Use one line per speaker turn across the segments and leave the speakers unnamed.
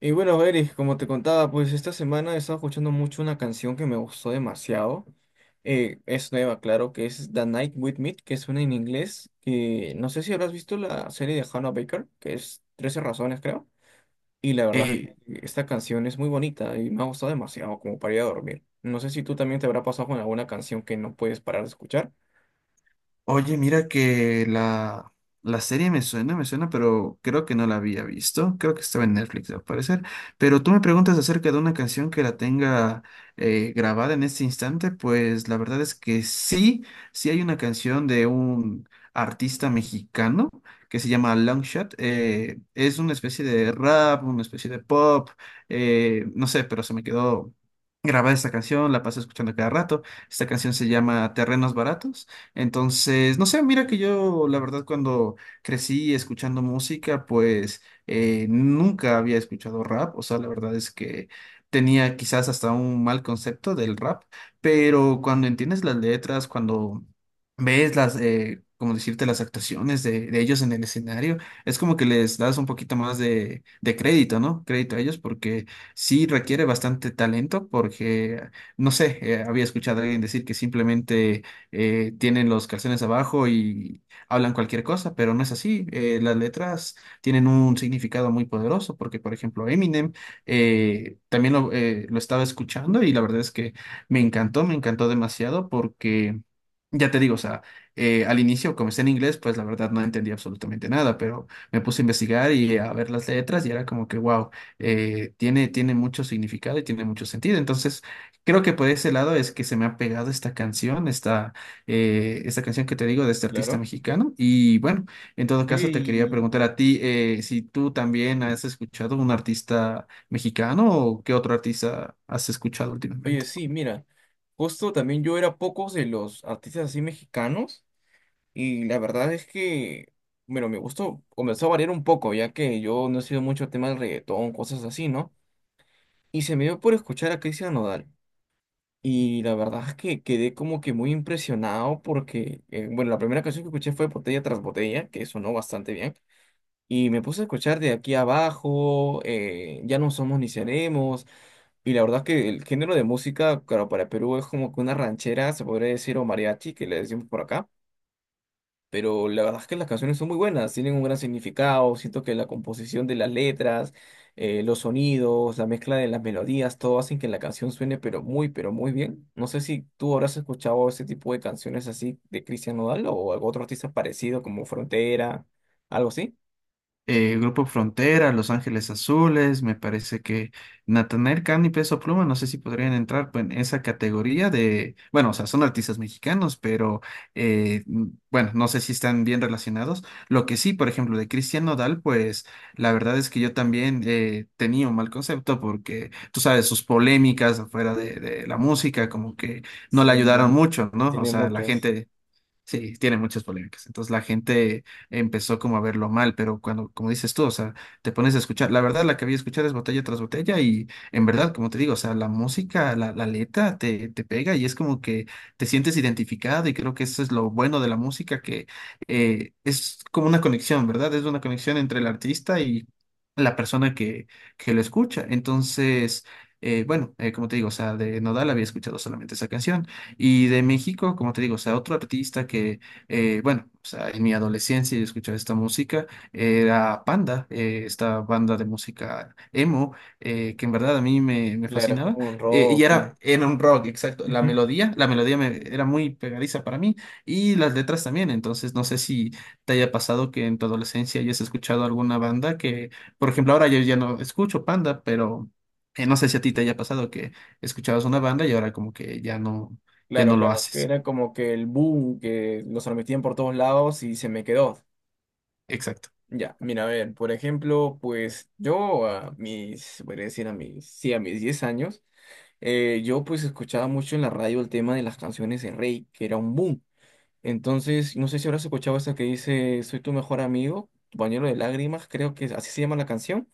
Y bueno, Eric, como te contaba, pues esta semana he estado escuchando mucho una canción que me gustó demasiado. Es nueva, claro, que es The Night With Me, que suena en inglés. Que no sé si habrás visto la serie de Hannah Baker, que es 13 razones, creo. Y la verdad,
Eh,
es que esta canción es muy bonita y me ha gustado demasiado como para ir a dormir. No sé si tú también te habrá pasado con alguna canción que no puedes parar de escuchar.
oye, mira que la serie me suena, pero creo que no la había visto. Creo que estaba en Netflix, al parecer. Pero tú me preguntas acerca de una canción que la tenga grabada en este instante, pues la verdad es que sí, sí hay una canción de un artista mexicano que se llama Longshot. Es una especie de rap, una especie de pop, no sé, pero se me quedó grabada esta canción, la paso escuchando cada rato. Esta canción se llama Terrenos Baratos. Entonces, no sé, mira que yo, la verdad, cuando crecí escuchando música, pues nunca había escuchado rap. O sea, la verdad es que tenía quizás hasta un mal concepto del rap, pero cuando entiendes las letras, cuando ves las, como decirte, las actuaciones de ellos en el escenario, es como que les das un poquito más de crédito, ¿no? Crédito a ellos porque sí requiere bastante talento, porque, no sé, había escuchado a alguien decir que simplemente tienen los calzones abajo y hablan cualquier cosa, pero no es así. Las letras tienen un significado muy poderoso porque, por ejemplo, Eminem también lo estaba escuchando y la verdad es que me encantó demasiado porque, ya te digo, o sea, al inicio comencé en inglés, pues la verdad no entendí absolutamente nada, pero me puse a investigar y a ver las letras y era como que, wow, tiene, tiene mucho significado y tiene mucho sentido. Entonces, creo que por ese lado es que se me ha pegado esta canción, esta canción que te digo de este artista
Claro.
mexicano. Y bueno, en todo
Oye,
caso te quería
y...
preguntar a ti si tú también has escuchado un artista mexicano o qué otro artista has escuchado
Oye,
últimamente.
sí, mira. Justo también yo era pocos de los artistas así mexicanos. Y la verdad es que, bueno, mi gusto comenzó a variar un poco, ya que yo no he sido mucho tema del reggaetón, cosas así, ¿no? Y se me dio por escuchar a Cristian Nodal. Y la verdad es que quedé como que muy impresionado porque, bueno, la primera canción que escuché fue Botella tras Botella, que sonó bastante bien. Y me puse a escuchar de aquí abajo, Ya no somos ni seremos. Y la verdad es que el género de música, claro, para Perú es como que una ranchera, se podría decir, o mariachi, que le decimos por acá. Pero la verdad es que las canciones son muy buenas, tienen un gran significado, siento que la composición de las letras, los sonidos, la mezcla de las melodías, todo hacen que la canción suene pero muy bien. No sé si tú habrás escuchado ese tipo de canciones así de Christian Nodal o algún otro artista parecido como Frontera, algo así.
Grupo Frontera, Los Ángeles Azules, me parece que Natanael Cano y Peso Pluma, no sé si podrían entrar pues, en esa categoría de, bueno, o sea, son artistas mexicanos, pero eh, mm, bueno, no sé si están bien relacionados. Lo que sí, por ejemplo, de Cristian Nodal, pues la verdad es que yo también tenía un mal concepto porque tú sabes, sus polémicas afuera de la música como que no le
Sí,
ayudaron mucho, ¿no? O
tiene
sea, la
muchos.
gente sí, tiene muchas polémicas. Entonces la gente empezó como a verlo mal, pero cuando, como dices tú, o sea, te pones a escuchar, la verdad la que había escuchar es botella tras botella y en verdad, como te digo, o sea, la música, la letra te, te pega y es como que te sientes identificado y creo que eso es lo bueno de la música, que es como una conexión, ¿verdad? Es una conexión entre el artista y la persona que lo escucha. Entonces, bueno, como te digo, o sea, de Nodal había escuchado solamente esa canción. Y de México, como te digo, o sea, otro artista que, bueno, o sea, en mi adolescencia yo escuchaba esta música, era Panda, esta banda de música emo, que en verdad a mí me, me
Claro, es
fascinaba.
como un
Y
rock, sí.
era, era un rock, exacto. La
Ujú.
melodía, era muy pegadiza para mí y las letras también. Entonces, no sé si te haya pasado que en tu adolescencia hayas escuchado alguna banda que, por ejemplo, ahora yo ya no escucho Panda, pero... no sé si a ti te haya pasado que escuchabas una banda y ahora como que ya no, ya
Claro,
no lo
claro, que
haces.
era como que el boom que los transmitían por todos lados y se me quedó.
Exacto.
Ya, mira, a ver, por ejemplo, pues yo a mis, podría decir a mis, sí, a mis 10 años, yo pues escuchaba mucho en la radio el tema de las canciones de Rey, que era un boom. Entonces, no sé si habrás escuchado esa que dice, soy tu mejor amigo, tu pañuelo de lágrimas, creo que es- así se llama la canción.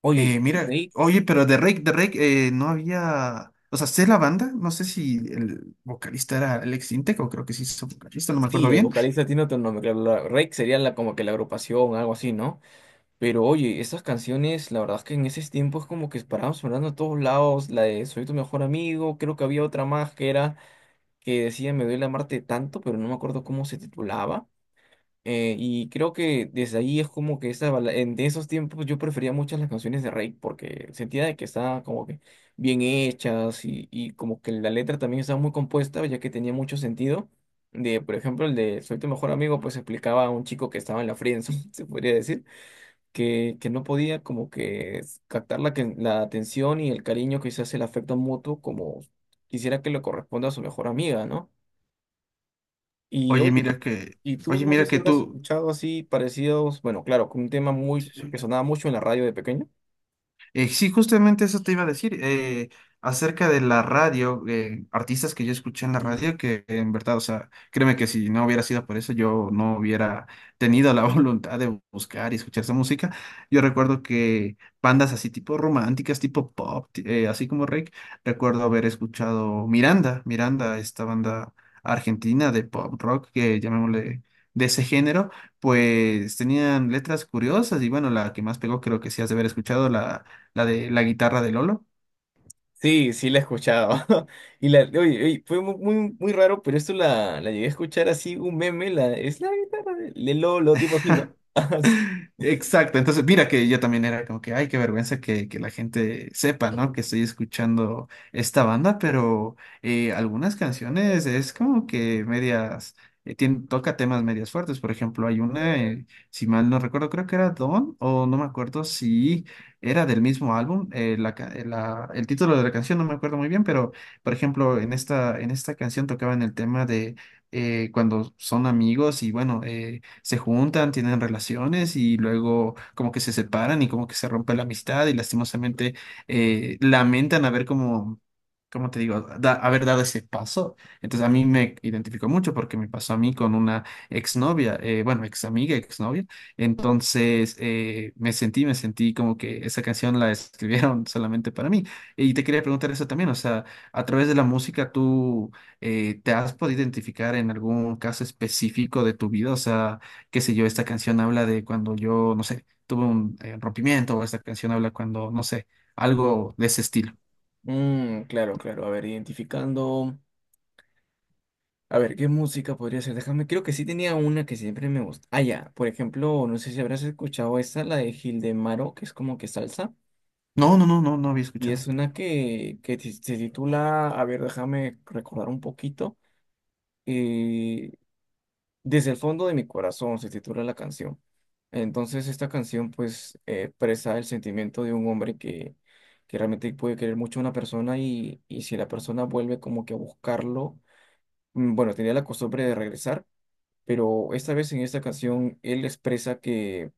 Oye,
Mira,
Rey,
oye, pero de Rake no había. O sea, sé la banda, no sé si el vocalista era Alex Intec o creo que sí es vocalista, no me acuerdo
sí, el
bien.
vocalista tiene otro nombre, claro, la- Rey sería la, como que la agrupación, algo así, ¿no? Pero oye, esas canciones, la verdad es que en esos tiempos como que paraban sonando a todos lados, la de Soy tu mejor amigo, creo que había otra más que era que decía Me duele amarte tanto, pero no me acuerdo cómo se titulaba. Y creo que desde ahí es como que esa, bala- en de esos tiempos yo prefería muchas las canciones de Rake porque sentía de que estaban como que bien hechas y como que la letra también estaba muy compuesta ya que tenía mucho sentido. De, por ejemplo, el de Soy tu mejor amigo pues explicaba a un chico que estaba en la friendzone, se podría decir que no podía como que s- captar la, que- la atención y el cariño, quizás el afecto mutuo, como quisiera que le corresponda a su mejor amiga, ¿no? Y
Oye,
oye,
mira que,
y tú
oye,
no sé
mira
si
que
habrás
tú.
escuchado así parecidos, bueno, claro, con un tema muy que sonaba mucho en la radio de pequeño.
Sí, justamente eso te iba a decir, acerca de la radio, artistas que yo escuché en la radio, que en verdad, o sea, créeme que si no hubiera sido por eso, yo no hubiera tenido la voluntad de buscar y escuchar esa música. Yo recuerdo que bandas así tipo románticas, tipo pop, así como Rake, recuerdo haber escuchado Miranda, Miranda, esta banda argentina de pop rock, que llamémosle de ese género, pues tenían letras curiosas y bueno, la que más pegó creo que sí has de haber escuchado, la de la guitarra de Lolo.
Sí, sí la he escuchado. Y la, oye, oye, fue mu- muy, muy, raro, pero esto la, la llegué a escuchar así, un meme, la, es la guitarra de Lolo, tipo así, ¿no?
Exacto, entonces mira que yo también era como que, ay, qué vergüenza que la gente sepa, ¿no? Que estoy escuchando esta banda, pero algunas canciones es como que medias, toca temas medias fuertes, por ejemplo, hay una, si mal no recuerdo, creo que era Don, o no me acuerdo si era del mismo álbum, el título de la canción no me acuerdo muy bien, pero por ejemplo, en esta canción tocaban el tema de cuando son amigos y bueno, se juntan, tienen relaciones y luego como que se separan y como que se rompe la amistad y lastimosamente lamentan haber como, ¿cómo te digo? Haber dado ese paso. Entonces a mí me identificó mucho porque me pasó a mí con una exnovia, bueno, ex amiga, exnovia. Entonces me sentí como que esa canción la escribieron solamente para mí. Y te quería preguntar eso también, o sea, a través de la música tú, ¿te has podido identificar en algún caso específico de tu vida? O sea, qué sé yo, esta canción habla de cuando yo, no sé, tuve un rompimiento, o esta canción habla cuando, no sé, algo de ese estilo.
Mm, claro, claro, a ver, identificando. A ver, ¿qué música podría ser? Déjame, creo que sí tenía una que siempre me gusta. Ah, ya, por ejemplo, no sé si habrás escuchado esta, la de Gildemaro, que es como que salsa,
No, no, no, no, no había
y es
escuchado.
una que ti- se titula, a ver, déjame recordar un poquito, eh, Desde el fondo de mi corazón se titula la canción. Entonces, esta canción pues expresa el sentimiento de un hombre que realmente puede querer mucho a una persona y si la persona vuelve como que a buscarlo, mm, bueno, tenía la costumbre de regresar pero esta vez en esta canción él expresa que,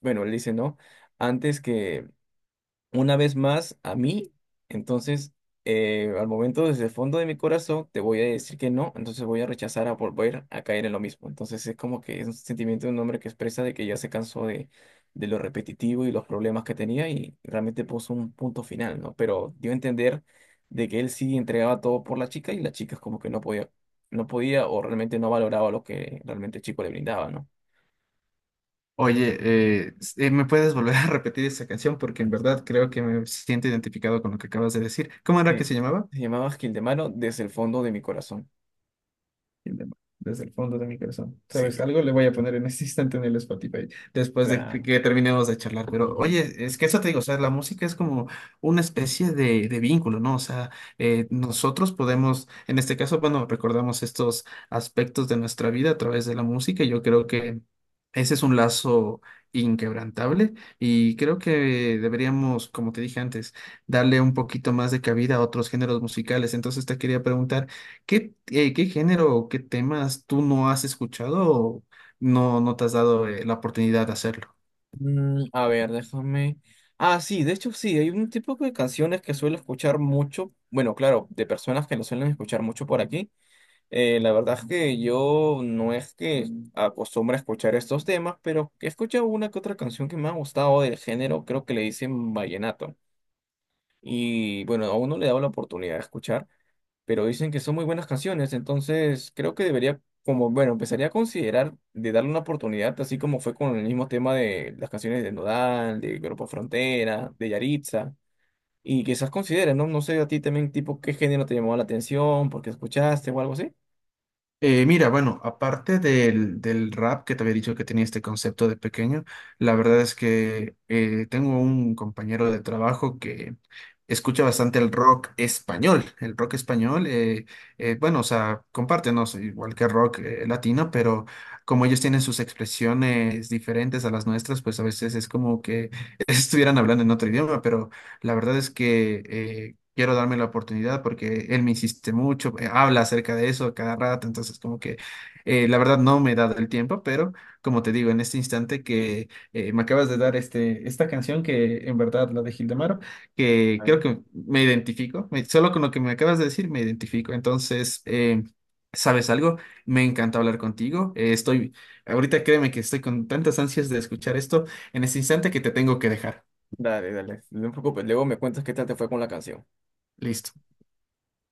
bueno, él dice, ¿no? Antes que una vez más a mí, entonces al momento desde el fondo de mi corazón te voy a decir que no, entonces voy a rechazar a volver a caer en lo mismo. Entonces es como que es un sentimiento de un hombre que expresa de que ya se cansó de lo repetitivo y los problemas que tenía y realmente puso un punto final, ¿no? Pero dio a entender de que él sí entregaba todo por la chica y la chica es como que no podía, no podía o realmente no valoraba lo que realmente el chico le brindaba, ¿no?
Oye, ¿me puedes volver a repetir esa canción? Porque en verdad creo que me siento identificado con lo que acabas de decir. ¿Cómo era que
Sí.
se llamaba?
Se llamaba Gildemaro desde el fondo de mi corazón.
Desde el fondo de mi corazón.
Sí,
¿Sabes? Algo le voy a poner en este instante en el Spotify, después de que
claro.
que terminemos de charlar. Pero
Sí.
oye, es que eso te digo, o sea, la música es como una especie de vínculo, ¿no? O sea, nosotros podemos, en este caso, bueno, recordamos estos aspectos de nuestra vida a través de la música. Y yo creo que ese es un lazo inquebrantable y creo que deberíamos, como te dije antes, darle un poquito más de cabida a otros géneros musicales. Entonces te quería preguntar. ¿ Qué género o qué temas tú no has escuchado o no, no te has dado la oportunidad de hacerlo?
Mm, a ver, déjame. Ah, sí, de hecho sí, hay un tipo de canciones que suelo escuchar mucho. Bueno, claro, de personas que lo suelen escuchar mucho por aquí. La verdad es que yo no es que acostumbre a escuchar estos temas, pero he escuchado una que otra canción que me ha gustado del género, creo que le dicen vallenato. Y bueno, aún no le he dado la oportunidad de escuchar pero dicen que son muy buenas canciones, entonces creo que debería, como, bueno, empezaría a considerar de darle una oportunidad, así como fue con el mismo tema de las canciones de Nodal, de Grupo Frontera, de Yaritza, y quizás considere, ¿no? No sé a ti también, tipo, qué género te llamó la atención, porque escuchaste o algo así.
Mira, bueno, aparte del, del rap que te había dicho que tenía este concepto de pequeño, la verdad es que tengo un compañero de trabajo que escucha bastante el rock español. El rock español, bueno, o sea, comparte, no sé, igual que rock latino, pero como ellos tienen sus expresiones diferentes a las nuestras, pues a veces es como que estuvieran hablando en otro idioma, pero la verdad es que quiero darme la oportunidad porque él me insiste mucho, habla acerca de eso a cada rato, entonces como que la verdad no me he dado el tiempo, pero como te digo, en este instante que me acabas de dar esta canción que en verdad la de Gildemaro, que creo
Claro.
que me identifico, solo con lo que me acabas de decir me identifico, entonces... ¿Sabes algo? Me encanta hablar contigo. Estoy, ahorita créeme que estoy con tantas ansias de escuchar esto en este instante que te tengo que dejar.
Dale, dale, no te preocupes, luego me cuentas qué tal te fue con la canción.
Listo.